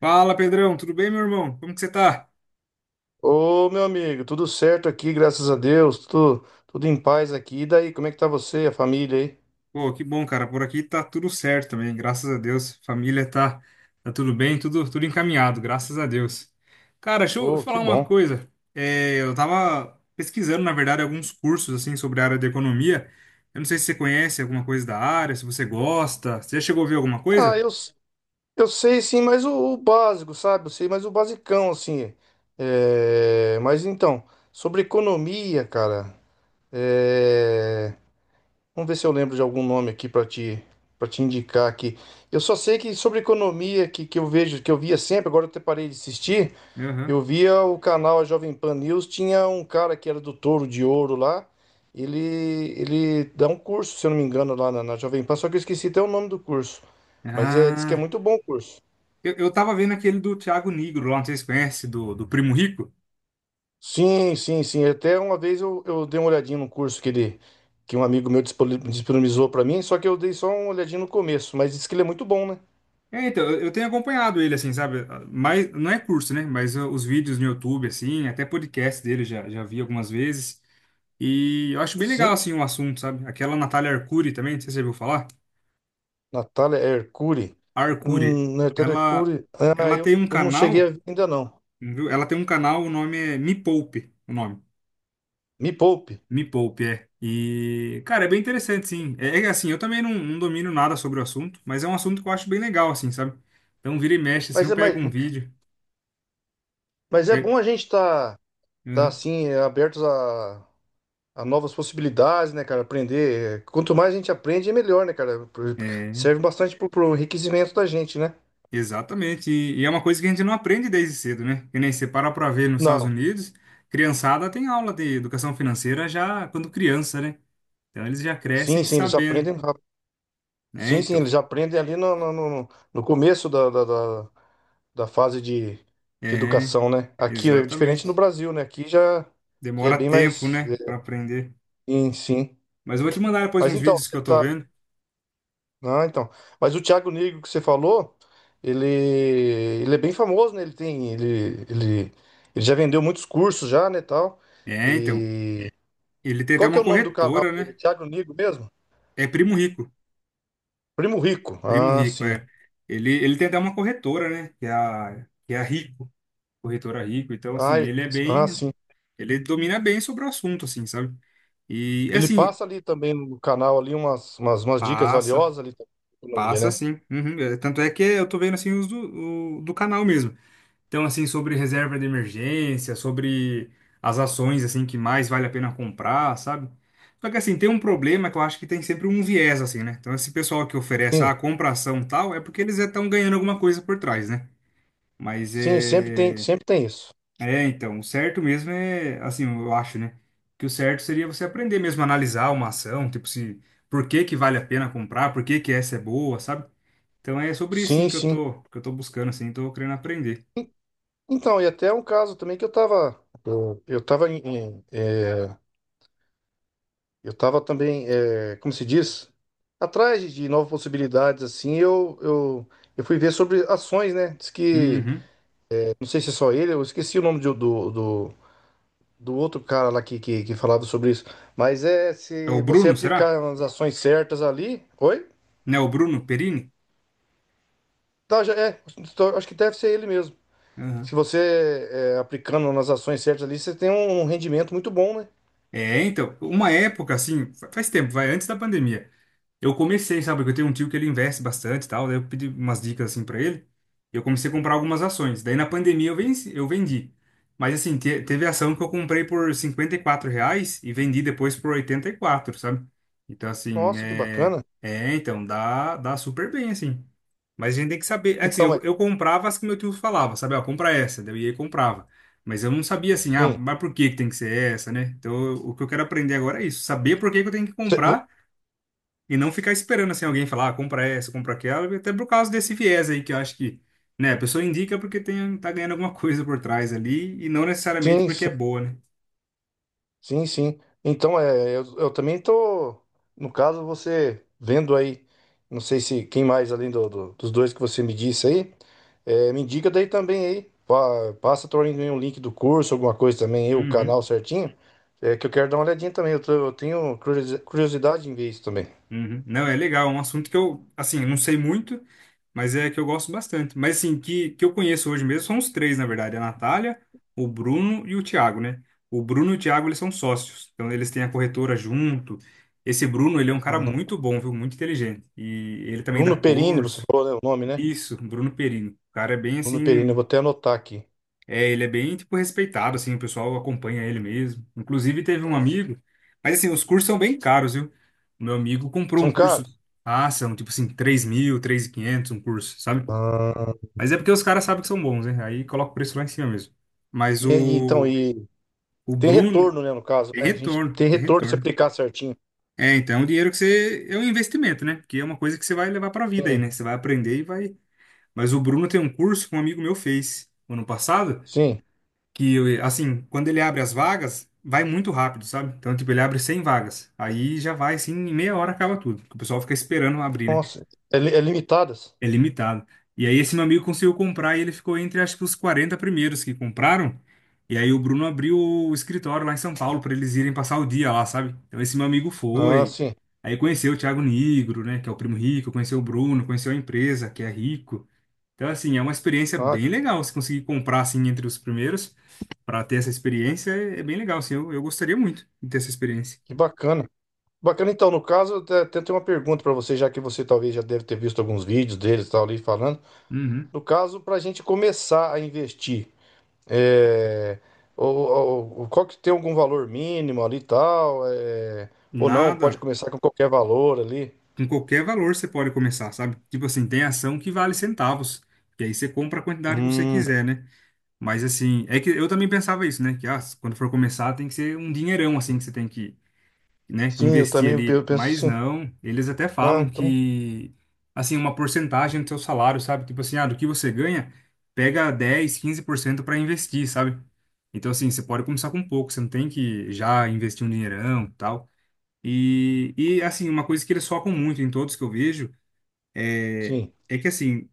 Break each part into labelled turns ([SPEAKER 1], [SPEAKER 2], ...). [SPEAKER 1] Fala, Pedrão, tudo bem, meu irmão? Como que você tá?
[SPEAKER 2] Ô, meu amigo, tudo certo aqui, graças a Deus, tudo em paz aqui. E daí, como é que tá você, a família aí?
[SPEAKER 1] Pô, que bom, cara. Por aqui tá tudo certo também, graças a Deus. Família tá tudo bem, tudo encaminhado, graças a Deus. Cara, deixa eu
[SPEAKER 2] Ô, que
[SPEAKER 1] falar uma
[SPEAKER 2] bom.
[SPEAKER 1] coisa. É, eu tava pesquisando, na verdade, alguns cursos assim sobre a área de economia. Eu não sei se você conhece alguma coisa da área, se você gosta. Você já chegou a ver alguma
[SPEAKER 2] Ah,
[SPEAKER 1] coisa?
[SPEAKER 2] eu, s- eu sei sim, mas o básico, sabe? Eu sei mais o basicão, assim. É, mas então, sobre economia, cara, é, vamos ver se eu lembro de algum nome aqui para te indicar aqui. Eu só sei que sobre economia, que eu vejo, que eu via sempre, agora eu até parei de assistir. Eu
[SPEAKER 1] Aham.
[SPEAKER 2] via o canal Jovem Pan News, tinha um cara que era do Touro de Ouro lá. Ele, ele dá um curso, se eu não me engano, lá na Jovem Pan, só que eu esqueci até o nome do curso. Mas é, diz que é
[SPEAKER 1] Ah,
[SPEAKER 2] muito bom o curso.
[SPEAKER 1] eu tava vendo aquele do Thiago Nigro lá, não sei se você conhece, do Primo Rico.
[SPEAKER 2] Sim, sim, sim. Até uma vez eu dei uma olhadinha no curso que um amigo meu disponibilizou para mim, só que eu dei só uma olhadinha no começo, mas diz que ele é muito bom, né?
[SPEAKER 1] É, então, eu tenho acompanhado ele, assim, sabe? Mas, não é curso, né? Mas os vídeos no YouTube, assim, até podcast dele já vi algumas vezes. E eu acho bem legal,
[SPEAKER 2] Sim,
[SPEAKER 1] assim, o assunto, sabe? Aquela Natália Arcuri também, não sei se você já ouviu falar.
[SPEAKER 2] Natália Hercuri.
[SPEAKER 1] A Arcuri,
[SPEAKER 2] Natália
[SPEAKER 1] ela,
[SPEAKER 2] Hercuri. Ah,
[SPEAKER 1] ela tem um
[SPEAKER 2] eu não
[SPEAKER 1] canal,
[SPEAKER 2] cheguei ainda não.
[SPEAKER 1] viu? Ela tem um canal, o nome é Me Poupe, o nome.
[SPEAKER 2] Me poupe.
[SPEAKER 1] Me Poupe, é. E, cara, é bem interessante, sim. É, é assim, eu também não domino nada sobre o assunto, mas é um assunto que eu acho bem legal, assim, sabe? Então, vira e mexe, assim,
[SPEAKER 2] Mas,
[SPEAKER 1] eu
[SPEAKER 2] é-
[SPEAKER 1] pego
[SPEAKER 2] mas,
[SPEAKER 1] um vídeo.
[SPEAKER 2] Mas é
[SPEAKER 1] Pego.
[SPEAKER 2] bom a gente estar
[SPEAKER 1] Uhum.
[SPEAKER 2] assim, abertos a novas possibilidades, né, cara? Aprender. Quanto mais a gente aprende, é melhor, né, cara?
[SPEAKER 1] É.
[SPEAKER 2] Serve bastante pro enriquecimento da gente, né?
[SPEAKER 1] Exatamente. E é uma coisa que a gente não aprende desde cedo, né? Que nem você para pra ver nos Estados
[SPEAKER 2] Não.
[SPEAKER 1] Unidos, criançada tem aula de educação financeira já quando criança, né? Então eles já
[SPEAKER 2] Sim,
[SPEAKER 1] crescem
[SPEAKER 2] sim, eles
[SPEAKER 1] sabendo,
[SPEAKER 2] aprendem rápido.
[SPEAKER 1] né?
[SPEAKER 2] Sim, sim,
[SPEAKER 1] Então,
[SPEAKER 2] eles aprendem ali no começo da fase de
[SPEAKER 1] é,
[SPEAKER 2] educação, né? Aqui é diferente no
[SPEAKER 1] exatamente.
[SPEAKER 2] Brasil, né? Aqui já, já é
[SPEAKER 1] Demora
[SPEAKER 2] bem
[SPEAKER 1] tempo,
[SPEAKER 2] mais.
[SPEAKER 1] né, pra aprender.
[SPEAKER 2] Sim, sim.
[SPEAKER 1] Mas eu vou te mandar depois
[SPEAKER 2] Mas
[SPEAKER 1] uns
[SPEAKER 2] então,
[SPEAKER 1] vídeos
[SPEAKER 2] você
[SPEAKER 1] que eu tô
[SPEAKER 2] tá.
[SPEAKER 1] vendo.
[SPEAKER 2] Ah, então. Mas o Thiago Negro que você falou, ele é bem famoso, né? Ele tem, ele já vendeu muitos cursos já, né, tal.
[SPEAKER 1] É, então,
[SPEAKER 2] E
[SPEAKER 1] ele tem até
[SPEAKER 2] qual que é
[SPEAKER 1] uma
[SPEAKER 2] o nome do canal
[SPEAKER 1] corretora,
[SPEAKER 2] dele?
[SPEAKER 1] né?
[SPEAKER 2] Thiago Negro mesmo?
[SPEAKER 1] É Primo Rico.
[SPEAKER 2] Primo Rico.
[SPEAKER 1] Primo
[SPEAKER 2] Ah,
[SPEAKER 1] Rico,
[SPEAKER 2] sim.
[SPEAKER 1] é. Ele tem até uma corretora, né? Que é a Rico, corretora Rico. Então,
[SPEAKER 2] Ah,
[SPEAKER 1] assim,
[SPEAKER 2] ele- ah, sim.
[SPEAKER 1] Ele domina bem sobre o assunto, assim, sabe? E, é
[SPEAKER 2] Ele
[SPEAKER 1] assim,
[SPEAKER 2] passa ali também no canal ali umas dicas
[SPEAKER 1] passa,
[SPEAKER 2] valiosas ali também de economia,
[SPEAKER 1] passa
[SPEAKER 2] né?
[SPEAKER 1] sim. Uhum. É, tanto é que eu tô vendo, assim, do canal mesmo. Então, assim, sobre reserva de emergência, sobre as ações, assim, que mais vale a pena comprar, sabe? Só que, assim, tem um problema que eu acho que tem sempre um viés, assim, né? Então, esse pessoal que oferece,
[SPEAKER 2] Sim.
[SPEAKER 1] ah, compra ação tal, é porque eles já estão ganhando alguma coisa por trás, né? Mas
[SPEAKER 2] Sim,
[SPEAKER 1] é.
[SPEAKER 2] sempre tem isso.
[SPEAKER 1] É, então, o certo mesmo é, assim, eu acho, né? Que o certo seria você aprender mesmo a analisar uma ação, tipo se por que que vale a pena comprar, por que que essa é boa, sabe? Então é sobre isso sim
[SPEAKER 2] Sim,
[SPEAKER 1] que eu
[SPEAKER 2] sim.
[SPEAKER 1] tô, que eu tô buscando assim, tô querendo aprender.
[SPEAKER 2] Então, e até um caso também que eu tava em, eu estava também, como se diz, atrás de novas possibilidades, assim, eu fui ver sobre ações, né? Diz que,
[SPEAKER 1] Uhum.
[SPEAKER 2] não sei se é só ele, eu esqueci o nome do do outro cara lá que falava sobre isso, mas é
[SPEAKER 1] É
[SPEAKER 2] se
[SPEAKER 1] o
[SPEAKER 2] você
[SPEAKER 1] Bruno, será?
[SPEAKER 2] aplicar as ações certas ali, oi?
[SPEAKER 1] Não é o Bruno Perini?
[SPEAKER 2] Acho que deve ser ele mesmo. Se
[SPEAKER 1] Aham.
[SPEAKER 2] você, aplicando nas ações certas ali, você tem um rendimento muito bom, né?
[SPEAKER 1] É, então, uma época assim, faz tempo, vai antes da pandemia. Eu comecei, sabe? Porque eu tenho um tio que ele investe bastante e tal. Daí eu pedi umas dicas assim pra ele. E eu comecei a comprar algumas ações. Daí na pandemia eu vendi. Mas assim, teve ação que eu comprei por R$ 54 reais e vendi depois por 84, sabe? Então assim,
[SPEAKER 2] Nossa, que
[SPEAKER 1] é,
[SPEAKER 2] bacana.
[SPEAKER 1] é então dá super bem assim. Mas a gente tem que saber. É que, assim,
[SPEAKER 2] Então,
[SPEAKER 1] eu,
[SPEAKER 2] mas,
[SPEAKER 1] eu comprava as que meu tio falava, sabe? Ó, compra essa. Daí eu ia e comprava. Mas eu não sabia assim, ah,
[SPEAKER 2] sim,
[SPEAKER 1] mas por que que tem que ser essa, né? O que eu quero aprender agora é isso, saber por que que eu tenho que
[SPEAKER 2] Cê- vo-
[SPEAKER 1] comprar e não ficar esperando assim alguém falar, ah, compra essa, compra aquela, até por causa desse viés aí que eu acho que, né, a pessoa indica porque tem, tá ganhando alguma coisa por trás ali e não necessariamente
[SPEAKER 2] sim,
[SPEAKER 1] porque
[SPEAKER 2] sim.
[SPEAKER 1] é boa, né?
[SPEAKER 2] Sim, sim. Então, é, eu também tô, no caso, você vendo aí, não sei se quem mais além dos dois que você me disse aí, me indica daí também aí, passa também um link do curso, alguma coisa também, aí, o
[SPEAKER 1] Uhum,
[SPEAKER 2] canal certinho, é, que eu quero dar uma olhadinha também, eu tenho curiosidade em ver isso também.
[SPEAKER 1] uhum. Não, é legal, é um assunto que eu, assim, não sei muito, mas é que eu gosto bastante. Mas assim, que eu conheço hoje mesmo são os três, na verdade, a Natália, o Bruno e o Thiago, né? O Bruno e o Thiago, eles são sócios, então eles têm a corretora junto. Esse Bruno, ele é um cara muito bom, viu? Muito inteligente. E ele também dá
[SPEAKER 2] Bruno Perini, você
[SPEAKER 1] curso.
[SPEAKER 2] falou, né, o nome, né?
[SPEAKER 1] Isso, Bruno Perini. O cara é bem
[SPEAKER 2] Bruno Perini,
[SPEAKER 1] assim,
[SPEAKER 2] eu vou até anotar aqui.
[SPEAKER 1] é, ele é bem tipo respeitado assim, o pessoal acompanha ele mesmo. Inclusive teve um amigo, mas assim, os cursos são bem caros, viu? O meu amigo comprou
[SPEAKER 2] São
[SPEAKER 1] um curso,
[SPEAKER 2] caros?
[SPEAKER 1] ah, são tipo assim, 3.000, 3.500 um curso, sabe?
[SPEAKER 2] Ah,
[SPEAKER 1] Mas é porque os caras sabem que são bons, né? Aí coloca o preço lá em cima mesmo. Mas
[SPEAKER 2] e aí, então,
[SPEAKER 1] o,
[SPEAKER 2] e
[SPEAKER 1] o
[SPEAKER 2] tem
[SPEAKER 1] Bruno
[SPEAKER 2] retorno, né, no caso,
[SPEAKER 1] tem
[SPEAKER 2] né? A gente
[SPEAKER 1] retorno,
[SPEAKER 2] tem
[SPEAKER 1] tem
[SPEAKER 2] retorno se
[SPEAKER 1] retorno.
[SPEAKER 2] aplicar certinho.
[SPEAKER 1] É, então o dinheiro que você é um investimento, né? Porque é uma coisa que você vai levar pra vida aí,
[SPEAKER 2] Sim,
[SPEAKER 1] né? Você vai aprender e vai. Mas o Bruno tem um curso que um amigo meu fez ano passado.
[SPEAKER 2] sim.
[SPEAKER 1] Que, assim, quando ele abre as vagas, vai muito rápido, sabe? Então, tipo, ele abre 100 vagas. Aí já vai, assim, em meia hora acaba tudo, porque o pessoal fica esperando abrir, né?
[SPEAKER 2] Nossa, é, é limitadas?
[SPEAKER 1] É limitado. E aí esse meu amigo conseguiu comprar e ele ficou entre, acho que, os 40 primeiros que compraram. E aí o Bruno abriu o escritório lá em São Paulo para eles irem passar o dia lá, sabe? Então, esse meu amigo
[SPEAKER 2] Ah,
[SPEAKER 1] foi.
[SPEAKER 2] sim.
[SPEAKER 1] Aí conheceu o Thiago Nigro, né? Que é o primo rico, conheceu o Bruno, conheceu a empresa, que é rico. Então, assim, é uma experiência
[SPEAKER 2] Ah,
[SPEAKER 1] bem legal se conseguir comprar, assim, entre os primeiros para ter essa experiência é bem legal, assim. Eu gostaria muito de ter essa experiência.
[SPEAKER 2] que bacana. Bacana, então, no caso, até, até tenho uma pergunta para você, já que você talvez já deve ter visto alguns vídeos deles e tal ali falando.
[SPEAKER 1] Uhum.
[SPEAKER 2] No caso, para a gente começar a investir, é, ou, qual que tem algum valor mínimo ali e tal, é, ou não, pode
[SPEAKER 1] Nada,
[SPEAKER 2] começar com qualquer valor ali.
[SPEAKER 1] com qualquer valor você pode começar, sabe? Tipo assim, tem ação que vale centavos, que aí você compra a quantidade que você
[SPEAKER 2] Hum,
[SPEAKER 1] quiser, né? Mas assim, é que eu também pensava isso, né? Que ah, quando for começar tem que ser um dinheirão, assim, que você tem que, né, que
[SPEAKER 2] sim, eu
[SPEAKER 1] investir
[SPEAKER 2] também
[SPEAKER 1] ali, mas
[SPEAKER 2] penso assim.
[SPEAKER 1] não, eles até
[SPEAKER 2] Ah,
[SPEAKER 1] falam
[SPEAKER 2] então,
[SPEAKER 1] que, assim, uma porcentagem do seu salário, sabe? Tipo assim, ah, do que você ganha, pega 10, 15% para investir, sabe? Então, assim, você pode começar com pouco, você não tem que já investir um dinheirão, tal. E assim, uma coisa que eles focam muito em todos que eu vejo é,
[SPEAKER 2] sim,
[SPEAKER 1] é que, assim,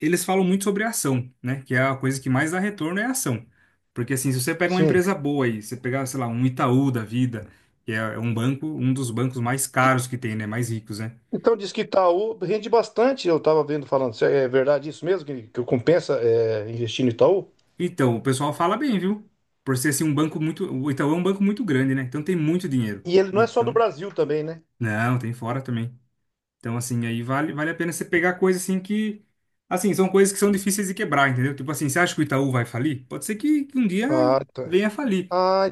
[SPEAKER 1] eles falam muito sobre ação, né? Que é a coisa que mais dá retorno é a ação. Porque assim, se você pega uma
[SPEAKER 2] sim.
[SPEAKER 1] empresa boa aí, você pegar, sei lá, um Itaú da vida, que é um banco, um dos bancos mais caros que tem, né? Mais ricos, né?
[SPEAKER 2] Então diz que Itaú rende bastante, eu estava vendo falando, se é é verdade isso mesmo, que compensa é, investir no Itaú?
[SPEAKER 1] Então, o pessoal fala bem, viu? Por ser assim um banco muito, o Itaú é um banco muito grande, né? Então tem muito dinheiro.
[SPEAKER 2] E ele não é só do
[SPEAKER 1] Então,
[SPEAKER 2] Brasil também, né?
[SPEAKER 1] não, tem fora também. Então, assim, aí vale a pena você pegar coisa assim que Assim, são coisas que são difíceis de quebrar, entendeu? Tipo assim, você acha que o Itaú vai falir? Pode ser que um dia
[SPEAKER 2] Ah, tá.
[SPEAKER 1] venha a falir.
[SPEAKER 2] Ah,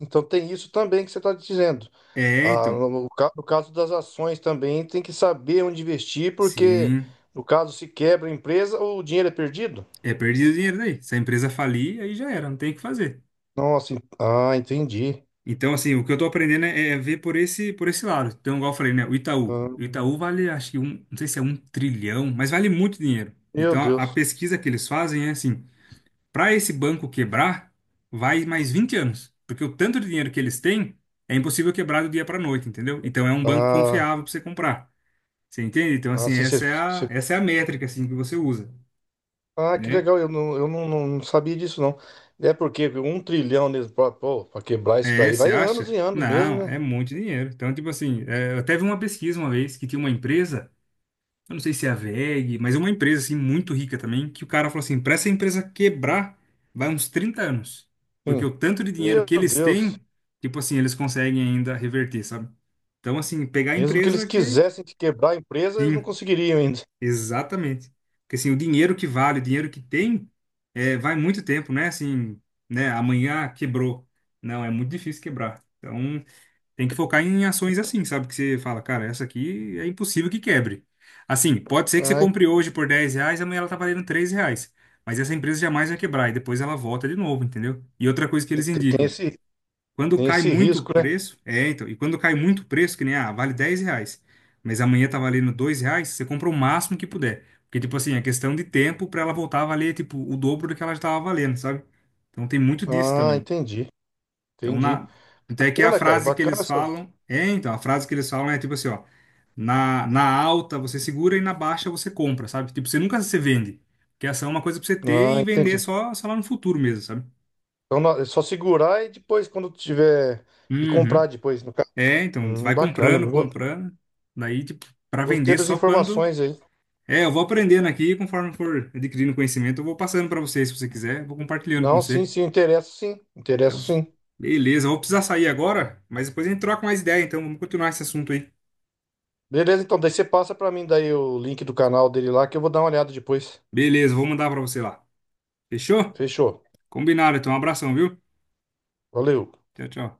[SPEAKER 2] então tem isso também que você está dizendo.
[SPEAKER 1] É,
[SPEAKER 2] Ah,
[SPEAKER 1] então.
[SPEAKER 2] no caso das ações também tem que saber onde investir, porque
[SPEAKER 1] Sim.
[SPEAKER 2] no caso se quebra a empresa, o dinheiro é perdido.
[SPEAKER 1] É, perdi o dinheiro daí. Se a empresa falir, aí já era, não tem o que fazer.
[SPEAKER 2] Nossa, entendi.
[SPEAKER 1] Então, assim, o que eu tô aprendendo é ver por esse lado. Então, igual eu falei, né? O Itaú.
[SPEAKER 2] Ah,
[SPEAKER 1] O Itaú vale, acho que um, não sei se é um trilhão, mas vale muito dinheiro.
[SPEAKER 2] meu
[SPEAKER 1] Então, a
[SPEAKER 2] Deus.
[SPEAKER 1] pesquisa que eles fazem é assim: para esse banco quebrar, vai mais 20 anos. Porque o tanto de dinheiro que eles têm é impossível quebrar do dia para noite, entendeu? Então, é um banco
[SPEAKER 2] Ah,
[SPEAKER 1] confiável para você comprar. Você entende? Então,
[SPEAKER 2] ah,
[SPEAKER 1] assim,
[SPEAKER 2] se
[SPEAKER 1] essa é a,
[SPEAKER 2] você
[SPEAKER 1] essa é a métrica assim, que você usa,
[SPEAKER 2] Ah, que
[SPEAKER 1] né?
[SPEAKER 2] legal, eu não, não sabia disso, não. É porque um trilhão mesmo, pô, para quebrar isso
[SPEAKER 1] É,
[SPEAKER 2] daí,
[SPEAKER 1] você
[SPEAKER 2] vai anos e
[SPEAKER 1] acha?
[SPEAKER 2] anos mesmo,
[SPEAKER 1] Não,
[SPEAKER 2] né?
[SPEAKER 1] é muito dinheiro. Então, tipo assim, é, eu até vi uma pesquisa uma vez que tinha uma empresa, eu não sei se é a WEG, mas é uma empresa assim muito rica também, que o cara falou assim, para essa empresa quebrar, vai uns 30 anos. Porque
[SPEAKER 2] Sim.
[SPEAKER 1] o tanto de dinheiro
[SPEAKER 2] Meu
[SPEAKER 1] que eles
[SPEAKER 2] Deus.
[SPEAKER 1] têm, tipo assim, eles conseguem ainda reverter, sabe? Então, assim, pegar a
[SPEAKER 2] Mesmo que eles
[SPEAKER 1] empresa que.
[SPEAKER 2] quisessem te quebrar a empresa, eles não
[SPEAKER 1] Sim,
[SPEAKER 2] conseguiriam ainda.
[SPEAKER 1] exatamente. Porque assim, o dinheiro que vale, o dinheiro que tem, é, vai muito tempo, né? Assim, né? Amanhã quebrou. Não, é muito difícil quebrar. Então, tem que focar em ações assim, sabe? Que você fala, cara, essa aqui é impossível que quebre. Assim, pode ser que você
[SPEAKER 2] Ah,
[SPEAKER 1] compre hoje por R$ 10, amanhã ela tá valendo R$ 3. Mas essa empresa jamais vai quebrar e depois ela volta de novo, entendeu? E outra coisa que
[SPEAKER 2] te-
[SPEAKER 1] eles
[SPEAKER 2] te- tem
[SPEAKER 1] indicam,
[SPEAKER 2] esse,
[SPEAKER 1] quando
[SPEAKER 2] tem
[SPEAKER 1] cai
[SPEAKER 2] esse
[SPEAKER 1] muito o
[SPEAKER 2] risco, né?
[SPEAKER 1] preço, é, então, e quando cai muito o preço, que nem, ah, vale R$ 10, mas amanhã tá valendo R$ 2, você compra o máximo que puder. Porque, tipo assim, é questão de tempo pra ela voltar a valer, tipo, o dobro do que ela já tava valendo, sabe? Então tem muito disso
[SPEAKER 2] Ah,
[SPEAKER 1] também.
[SPEAKER 2] entendi,
[SPEAKER 1] Então,
[SPEAKER 2] entendi.
[SPEAKER 1] na. Até que a
[SPEAKER 2] Bacana, cara,
[SPEAKER 1] frase que
[SPEAKER 2] bacana
[SPEAKER 1] eles
[SPEAKER 2] essas...
[SPEAKER 1] falam. É, então, a frase que eles falam é tipo assim, ó. Na alta você segura e na baixa você compra, sabe? Tipo, você nunca se vende. Porque essa é uma coisa pra você ter
[SPEAKER 2] Ah,
[SPEAKER 1] e vender
[SPEAKER 2] entendi.
[SPEAKER 1] só lá no futuro mesmo, sabe?
[SPEAKER 2] Então é só segurar e depois, quando tiver... E comprar
[SPEAKER 1] Uhum.
[SPEAKER 2] depois, no caso.
[SPEAKER 1] É, então, vai
[SPEAKER 2] Bacana,
[SPEAKER 1] comprando, comprando. Daí, tipo, pra
[SPEAKER 2] gostei
[SPEAKER 1] vender
[SPEAKER 2] das
[SPEAKER 1] só quando.
[SPEAKER 2] informações aí.
[SPEAKER 1] É, eu vou aprendendo aqui, conforme for adquirindo conhecimento, eu vou passando pra você, se você quiser, vou compartilhando com
[SPEAKER 2] Não, sim,
[SPEAKER 1] você.
[SPEAKER 2] sim, interessa sim, interessa
[SPEAKER 1] Então,
[SPEAKER 2] sim.
[SPEAKER 1] beleza, eu vou precisar sair agora, mas depois a gente troca mais ideia, então vamos continuar esse assunto aí.
[SPEAKER 2] Beleza, então, daí você passa pra mim daí o link do canal dele lá que eu vou dar uma olhada depois.
[SPEAKER 1] Beleza, vou mandar pra você lá. Fechou?
[SPEAKER 2] Fechou.
[SPEAKER 1] Combinado, então. Um abração, viu?
[SPEAKER 2] Valeu.
[SPEAKER 1] Tchau, tchau.